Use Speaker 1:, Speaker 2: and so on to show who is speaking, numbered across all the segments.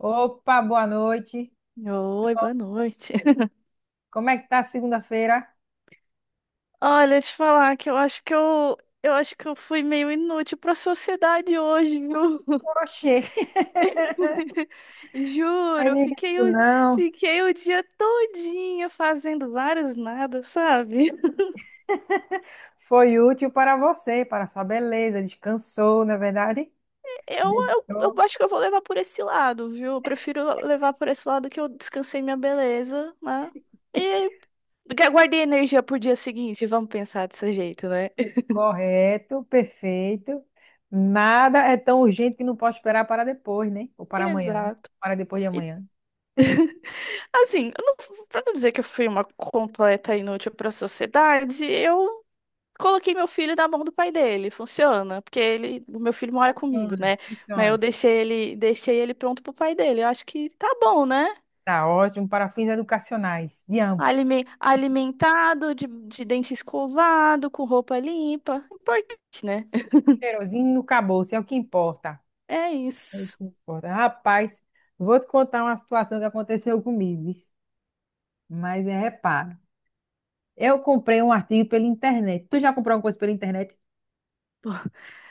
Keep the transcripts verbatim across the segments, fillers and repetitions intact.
Speaker 1: Opa, boa noite.
Speaker 2: Oi, boa noite.
Speaker 1: Como é que tá a segunda-feira?
Speaker 2: Olha, te falar que eu acho que eu, eu acho que eu fui meio inútil pra sociedade hoje, viu?
Speaker 1: Oxê, aí
Speaker 2: Juro, eu
Speaker 1: diga
Speaker 2: fiquei
Speaker 1: isso
Speaker 2: o,
Speaker 1: não.
Speaker 2: fiquei o dia todinho fazendo vários nada, sabe?
Speaker 1: Foi útil para você, para sua beleza. Descansou, não é verdade?
Speaker 2: Eu, eu,
Speaker 1: Meditou.
Speaker 2: eu acho que eu vou levar por esse lado, viu? Eu prefiro levar por esse lado que eu descansei minha beleza, né? E guardei energia pro dia seguinte, vamos pensar desse jeito, né?
Speaker 1: Correto, perfeito. Nada é tão urgente que não pode esperar para depois, né? Ou para amanhã.
Speaker 2: Exato.
Speaker 1: Para depois de amanhã.
Speaker 2: Assim, eu não, pra não dizer que eu fui uma completa inútil pra sociedade, eu coloquei meu filho na mão do pai dele. Funciona, porque ele, o meu filho mora comigo,
Speaker 1: Funciona,
Speaker 2: né? Mas eu
Speaker 1: funciona.
Speaker 2: deixei ele, deixei ele pronto pro pai dele. Eu acho que tá bom, né?
Speaker 1: Tá ótimo para fins educacionais, de ambos.
Speaker 2: Alime- Alimentado, de, de dente escovado, com roupa limpa. Importante, né?
Speaker 1: Cheirosinho, acabou-se, é o que importa.
Speaker 2: É
Speaker 1: É o
Speaker 2: isso.
Speaker 1: que importa. Rapaz, vou te contar uma situação que aconteceu comigo. Mas é reparo. Eu comprei um artigo pela internet. Tu já comprou alguma coisa pela internet?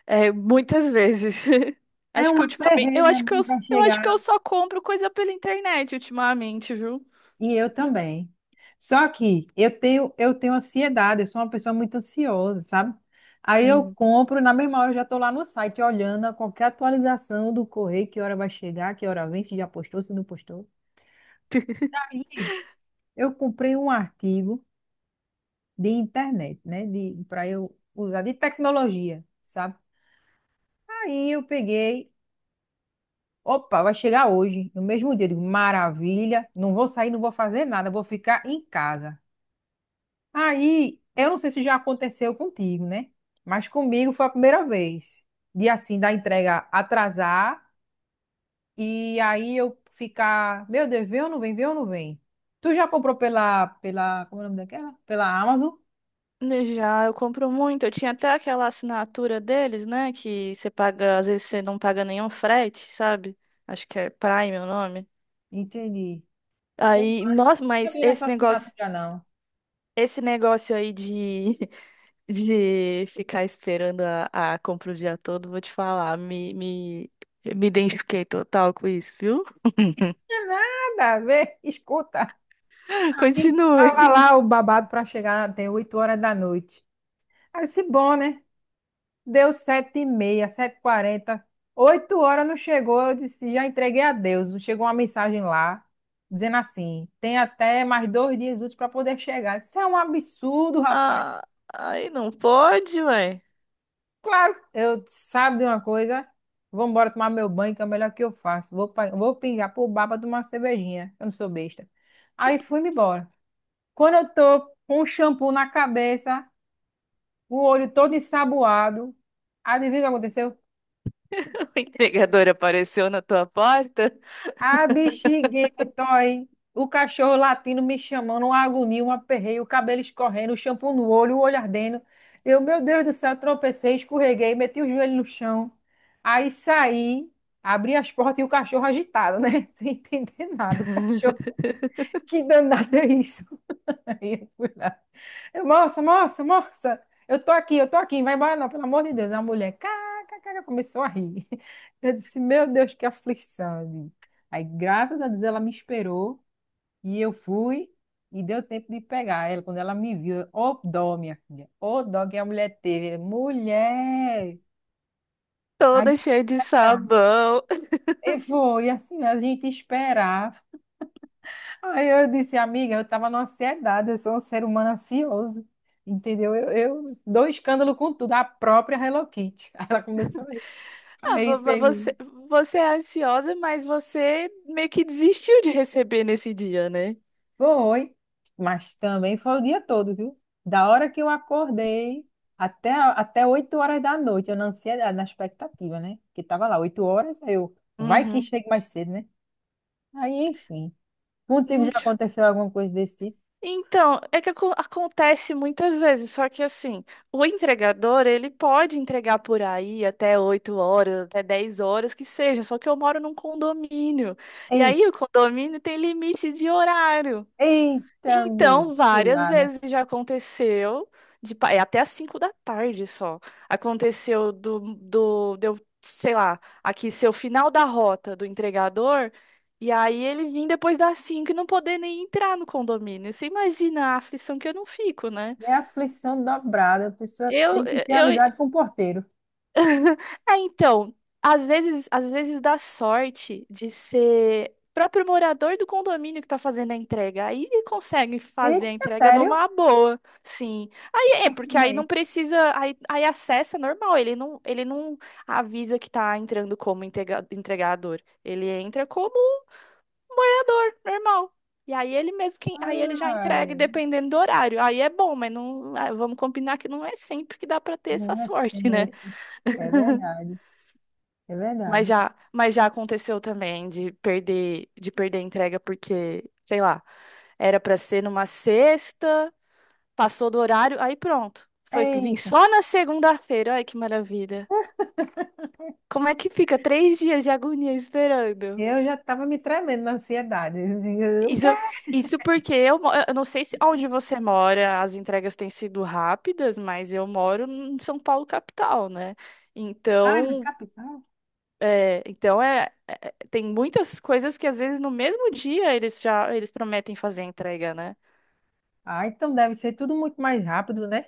Speaker 2: É, muitas vezes.
Speaker 1: É
Speaker 2: Acho que
Speaker 1: uma
Speaker 2: ultimamente,
Speaker 1: perrengue,
Speaker 2: eu
Speaker 1: né?
Speaker 2: acho que eu,
Speaker 1: Não vai
Speaker 2: eu acho
Speaker 1: chegar.
Speaker 2: que eu só compro coisa pela internet ultimamente, viu?
Speaker 1: E eu também. Só que eu tenho, eu tenho ansiedade, eu sou uma pessoa muito ansiosa, sabe? Aí eu compro, na mesma hora eu já estou lá no site olhando a qualquer atualização do correio, que hora vai chegar, que hora vem, se já postou, se não postou. Aí eu comprei um artigo de internet, né? De, para eu usar de tecnologia, sabe? Aí eu peguei, opa, vai chegar hoje, no mesmo dia. Eu digo, maravilha, não vou sair, não vou fazer nada, vou ficar em casa. Aí, eu não sei se já aconteceu contigo, né? Mas comigo foi a primeira vez. De assim, da entrega atrasar e aí eu ficar, meu Deus, vem ou não vem, vem ou não vem? Tu já comprou pela, pela, como é o nome daquela? Pela Amazon?
Speaker 2: Já, eu compro muito. Eu tinha até aquela assinatura deles, né? Que você paga, às vezes você não paga nenhum frete, sabe? Acho que é Prime o nome.
Speaker 1: Entendi. Eu
Speaker 2: Aí, nossa,
Speaker 1: nunca
Speaker 2: mas
Speaker 1: vi essa
Speaker 2: esse negócio,
Speaker 1: assinatura, não.
Speaker 2: esse negócio aí de, de ficar esperando a, a compra o dia todo, vou te falar, me, me, me identifiquei total com isso, viu?
Speaker 1: Não é nada, vê, escuta.
Speaker 2: Continue.
Speaker 1: Tava lá o babado para chegar até oito horas da noite. Aí se bom, né? Deu sete e meia, sete e quarenta, oito horas não chegou, eu disse, já entreguei a Deus. Chegou uma mensagem lá, dizendo assim, tem até mais dois dias úteis para poder chegar. Isso é um absurdo, rapaz.
Speaker 2: Ah, aí não pode, ué.
Speaker 1: Claro, eu sabe de uma coisa, vou embora tomar meu banho, que é o melhor que eu faço. Vou, pa- vou pingar pro bar pra tomar uma cervejinha, eu não sou besta. Aí fui-me embora. Quando eu tô com o shampoo na cabeça, o olho todo ensaboado, adivinha o que aconteceu?
Speaker 2: A entregadora apareceu na tua porta
Speaker 1: Ah, bexiguento, aí. O cachorro latindo me chamando, uma agonia, um aperreio, o cabelo escorrendo, o shampoo no olho, o olho ardendo. Eu, meu Deus do céu, tropecei, escorreguei, meti o joelho no chão. Aí saí, abri as portas e o cachorro agitado, né? Sem entender nada. O cachorro, que danado é isso? Aí eu fui lá. Eu, moça, moça, moça, eu tô aqui, eu tô aqui, vai embora não, pelo amor de Deus. A mulher, kkk, começou a rir. Eu disse, meu Deus, que aflição, eu digo. Aí, graças a Deus, ela me esperou e eu fui e deu tempo de pegar ela. Quando ela me viu, eu, ô dó, minha filha, ô dó que a mulher teve. Mulher! Aí,
Speaker 2: toda cheia de
Speaker 1: tá.
Speaker 2: sabão.
Speaker 1: E foi assim, a gente esperar. Aí eu disse, amiga, eu estava numa ansiedade, eu sou um ser humano ansioso, entendeu? Eu, eu dou escândalo com tudo, a própria Hello Kitty. Aí ela começou aí.
Speaker 2: Ah,
Speaker 1: Aí
Speaker 2: vo- vo- você,
Speaker 1: peguei.
Speaker 2: você é ansiosa, mas você meio que desistiu de receber nesse dia, né?
Speaker 1: Foi, mas também foi o dia todo, viu? Da hora que eu acordei até, a- até oito horas da noite, eu na ansiedade, na expectativa, né? Que tava lá, oito horas, aí eu, vai que
Speaker 2: Uhum.
Speaker 1: chegue mais cedo, né? Aí, enfim, contigo
Speaker 2: Hum,
Speaker 1: já
Speaker 2: tch-
Speaker 1: aconteceu alguma coisa desse tipo?
Speaker 2: Então, é que acon- acontece muitas vezes, só que assim, o entregador, ele pode entregar por aí até oito horas, até dez horas, que seja, só que eu moro num condomínio. E aí
Speaker 1: Ei,
Speaker 2: o condomínio tem limite de horário.
Speaker 1: eita, minha,
Speaker 2: Então, várias
Speaker 1: cilada.
Speaker 2: vezes já aconteceu, de, pa- é até às cinco da tarde só. Aconteceu do, do, deu, sei lá, aqui ser o final da rota do entregador, e aí ele vir depois das cinco e não poder nem entrar no condomínio. Você imagina a aflição que eu não fico, né?
Speaker 1: É aflição dobrada. A pessoa
Speaker 2: Eu,
Speaker 1: tem que ter
Speaker 2: eu,
Speaker 1: amizade com o porteiro.
Speaker 2: É, então, às vezes, às vezes dá sorte de ser próprio morador do condomínio que tá fazendo a entrega. Aí consegue fazer a
Speaker 1: Eita,
Speaker 2: entrega
Speaker 1: sério?
Speaker 2: numa boa, sim. Aí é, porque aí não
Speaker 1: Coincidência.
Speaker 2: precisa, aí, aí acessa normal, ele não, ele não avisa que tá entrando como entrega- entregador. Ele entra como morador, normal. E aí ele mesmo quem, aí ele já
Speaker 1: Ai,
Speaker 2: entrega dependendo do horário. Aí é bom, mas não, ah, vamos combinar que não é sempre que dá pra ter essa
Speaker 1: não é
Speaker 2: sorte, né?
Speaker 1: sempre. É verdade. É
Speaker 2: Mas
Speaker 1: verdade.
Speaker 2: já, mas já aconteceu também de perder, de perder a entrega porque, sei lá, era pra ser numa sexta, passou do horário, aí pronto. Foi que vim
Speaker 1: Eita.
Speaker 2: só na segunda-feira. Ai, que maravilha. Como é que fica três dias de agonia esperando?
Speaker 1: Eu já estava me tremendo na ansiedade. Eu dizia, o quê?
Speaker 2: Isso, isso porque eu, mo- eu não sei se onde você mora as entregas têm sido rápidas, mas eu moro em São Paulo capital, né?
Speaker 1: Ai, na
Speaker 2: Então,
Speaker 1: capital?
Speaker 2: É, então é, é- tem muitas coisas que às vezes no mesmo dia eles já eles prometem fazer a entrega, né?
Speaker 1: Ah, então deve ser tudo muito mais rápido, né?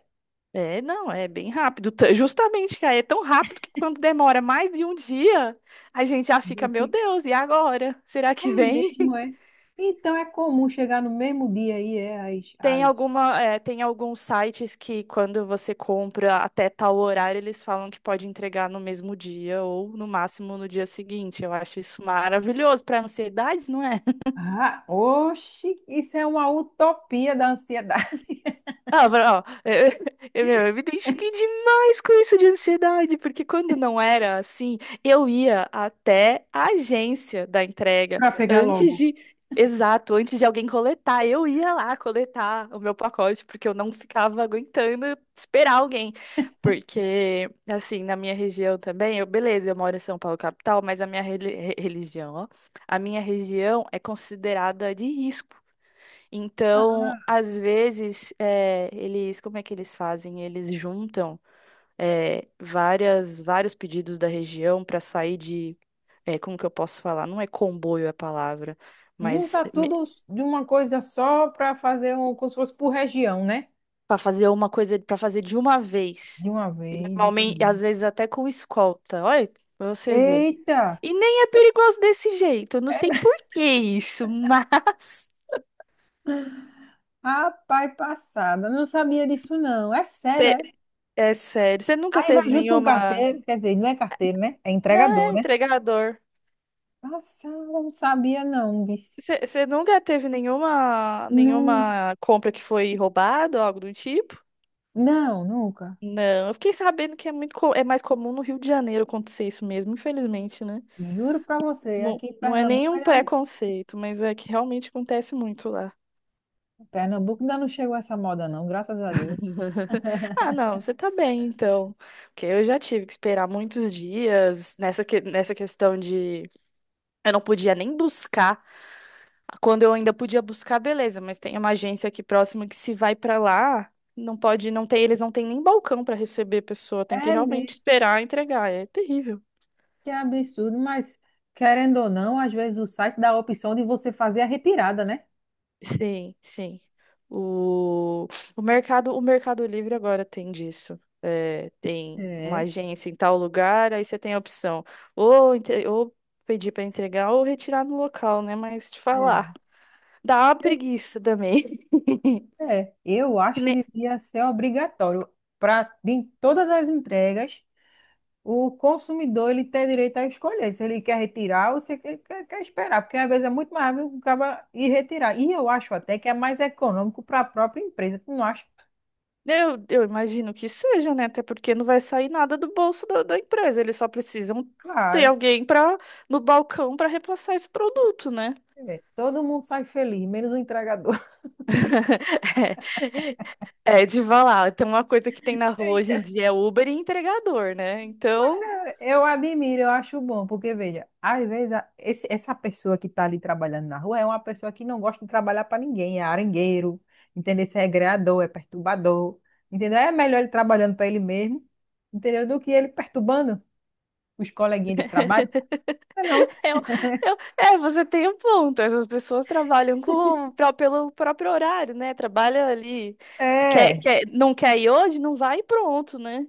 Speaker 2: É, não, é bem rápido. T- Justamente, cara, é tão rápido que quando demora mais de um dia, a gente já fica,
Speaker 1: Eu
Speaker 2: meu
Speaker 1: fico,
Speaker 2: Deus, e agora? Será
Speaker 1: é
Speaker 2: que vem?
Speaker 1: mesmo, é. Então é comum chegar no mesmo dia aí, é. as.
Speaker 2: Tem
Speaker 1: às...
Speaker 2: alguma, é, tem alguns sites que quando você compra até tal horário, eles falam que pode entregar no mesmo dia ou no máximo no dia seguinte. Eu acho isso maravilhoso para ansiedade, não é?
Speaker 1: Ah, oxe, isso é uma utopia da ansiedade.
Speaker 2: Ah, pra- ó, eu, eu, meu, eu me identifiquei demais com isso de ansiedade, porque quando não era assim, eu ia até a agência da entrega
Speaker 1: Para pegar
Speaker 2: antes
Speaker 1: logo.
Speaker 2: de, exato, antes de alguém coletar. Eu ia lá coletar o meu pacote, porque eu não ficava aguentando esperar alguém. Porque, assim, na minha região também, eu, beleza, eu moro em São Paulo, capital, mas a minha reli- re- religião, ó, a minha região é considerada de risco. Então, às vezes, eh, eles, como é que eles fazem? Eles juntam, eh, várias, vários pedidos da região para sair de, eh, como que eu posso falar? Não é comboio a palavra, mas
Speaker 1: Juntar tudo de uma coisa só para fazer um, como se fosse por região, né?
Speaker 2: para fazer uma coisa, para fazer de uma vez.
Speaker 1: De uma
Speaker 2: E
Speaker 1: vez,
Speaker 2: normalmente,
Speaker 1: entendi.
Speaker 2: às vezes até com escolta. Olha, pra você ver.
Speaker 1: Eita!
Speaker 2: E nem é perigoso desse jeito. Eu não sei por que isso, mas
Speaker 1: Rapaz, passada. Não sabia disso, não. É sério,
Speaker 2: Cê-
Speaker 1: é?
Speaker 2: é sério. Você nunca
Speaker 1: Aí vai
Speaker 2: teve
Speaker 1: junto com o
Speaker 2: nenhuma,
Speaker 1: carteiro, quer dizer, não é carteiro, né? É
Speaker 2: não,
Speaker 1: entregador,
Speaker 2: é
Speaker 1: né?
Speaker 2: entregador.
Speaker 1: Passada, não sabia, não, bicho.
Speaker 2: Você nunca teve nenhuma,
Speaker 1: Não,
Speaker 2: nenhuma compra que foi roubada ou algo do tipo?
Speaker 1: não, nunca.
Speaker 2: Não, eu fiquei sabendo que é muito, co- é mais comum no Rio de Janeiro acontecer isso mesmo, infelizmente, né?
Speaker 1: Juro pra você,
Speaker 2: Não,
Speaker 1: aqui em
Speaker 2: não é
Speaker 1: Pernambuco
Speaker 2: nenhum
Speaker 1: ainda não,
Speaker 2: preconceito, mas é que realmente acontece muito lá.
Speaker 1: Pernambuco ainda não chegou essa moda, não, graças a Deus.
Speaker 2: Ah, não, você tá bem, então. Porque eu já tive que esperar muitos dias nessa, que, nessa questão de eu não podia nem buscar. Quando eu ainda podia buscar, beleza, mas tem uma agência aqui próxima que se vai pra lá, não pode, não tem, eles não têm nem balcão pra receber a pessoa, tem que
Speaker 1: É
Speaker 2: realmente
Speaker 1: mesmo.
Speaker 2: esperar entregar, é terrível.
Speaker 1: Que absurdo, mas querendo ou não, às vezes o site dá a opção de você fazer a retirada, né?
Speaker 2: Sim, sim. O, o mercado, o Mercado Livre agora tem disso. É, tem uma
Speaker 1: É,
Speaker 2: agência em tal lugar, aí você tem a opção ou, entre- ou pedir para entregar ou retirar no local, né? Mas te falar,
Speaker 1: é.
Speaker 2: dá uma preguiça também.
Speaker 1: É, eu acho que devia ser obrigatório para em todas as entregas o consumidor ele ter direito a escolher se ele quer retirar ou se ele quer, quer esperar, porque às vezes é muito mais rápido o cara ir retirar. E eu acho até que é mais econômico para a própria empresa, tu não acha?
Speaker 2: Eu, eu imagino que seja, né? Até porque não vai sair nada do bolso da, da empresa. Eles só precisam ter
Speaker 1: Claro,
Speaker 2: alguém para no balcão para repassar esse produto, né?
Speaker 1: é, todo mundo sai feliz, menos o entregador.
Speaker 2: É, é de falar. Tem uma coisa que tem na rua hoje em
Speaker 1: Eita.
Speaker 2: dia é Uber e entregador, né? Então,
Speaker 1: Eu admiro, eu acho bom, porque veja, às vezes a- esse- essa pessoa que está ali trabalhando na rua é uma pessoa que não gosta de trabalhar para ninguém, é arengueiro, entendeu? Se é greador, é perturbador, entendeu? É melhor ele trabalhando para ele mesmo, entendeu? Do que ele perturbando os coleguinhas de trabalho. É não,
Speaker 2: eu, eu- é, você tem um ponto. Essas pessoas trabalham com, pra- pelo próprio horário, né? Trabalha ali. Quer,
Speaker 1: é.
Speaker 2: quer, não quer ir hoje? Não vai e pronto, né?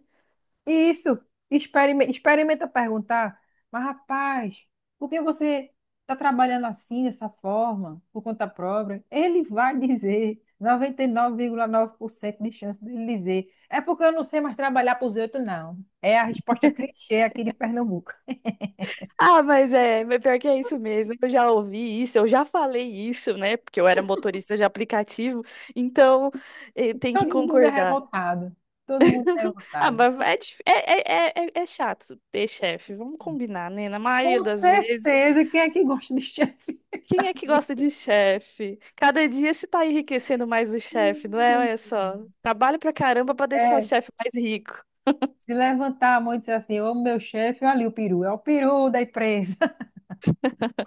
Speaker 1: Isso, experimenta, experimenta perguntar, mas rapaz, por que você está trabalhando assim, dessa forma, por conta própria? Ele vai dizer, noventa e nove nove vírgula nove por cento de chance dele dizer, é porque eu não sei mais trabalhar para os outros, não. É a resposta clichê aqui de Pernambuco.
Speaker 2: Ah, mas é, mas pior que é isso mesmo. Eu já ouvi isso, eu já falei isso, né? Porque eu era motorista de aplicativo, então eh, tem
Speaker 1: Todo
Speaker 2: que
Speaker 1: mundo é
Speaker 2: concordar.
Speaker 1: revoltado, todo mundo é
Speaker 2: Ah,
Speaker 1: revoltado.
Speaker 2: mas é, dif- é, é, é, é é chato ter chefe, vamos combinar, né? Na maioria
Speaker 1: Com
Speaker 2: das vezes,
Speaker 1: certeza, quem é que gosta de chefe?
Speaker 2: quem é que gosta de chefe? Cada dia se tá enriquecendo mais o chefe, não é? Olha só, trabalho pra caramba pra deixar o
Speaker 1: É,
Speaker 2: chefe mais rico.
Speaker 1: se levantar a mão e dizer assim, ô meu chefe, olha ali o peru, é o peru da empresa.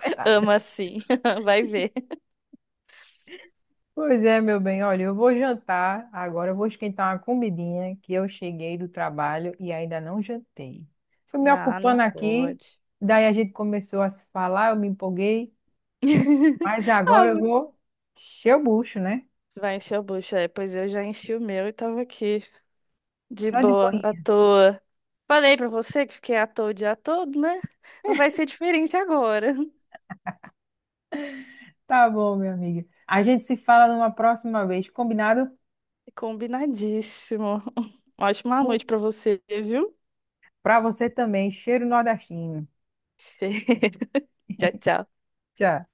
Speaker 1: Sei lá.
Speaker 2: Ama assim, vai ver.
Speaker 1: Pois é, meu bem, olha, eu vou jantar, agora eu vou esquentar uma comidinha que eu cheguei do trabalho e ainda não jantei. Fui me
Speaker 2: Não, não
Speaker 1: ocupando aqui,
Speaker 2: pode.
Speaker 1: daí a gente começou a se falar, eu me empolguei, mas agora
Speaker 2: Ah,
Speaker 1: eu vou encher o bucho, né?
Speaker 2: vai encher o bucho, é. Pois eu já enchi o meu e tava aqui, de
Speaker 1: Só de
Speaker 2: boa, à
Speaker 1: boinha.
Speaker 2: toa. Falei pra você que fiquei à toa o dia todo, né? Não vai ser diferente agora.
Speaker 1: Tá bom, minha amiga. A gente se fala numa próxima vez, combinado?
Speaker 2: Combinadíssimo. Ótima noite pra você, viu?
Speaker 1: Pra você também, cheiro nordestino.
Speaker 2: Tchau, tchau.
Speaker 1: Tchau.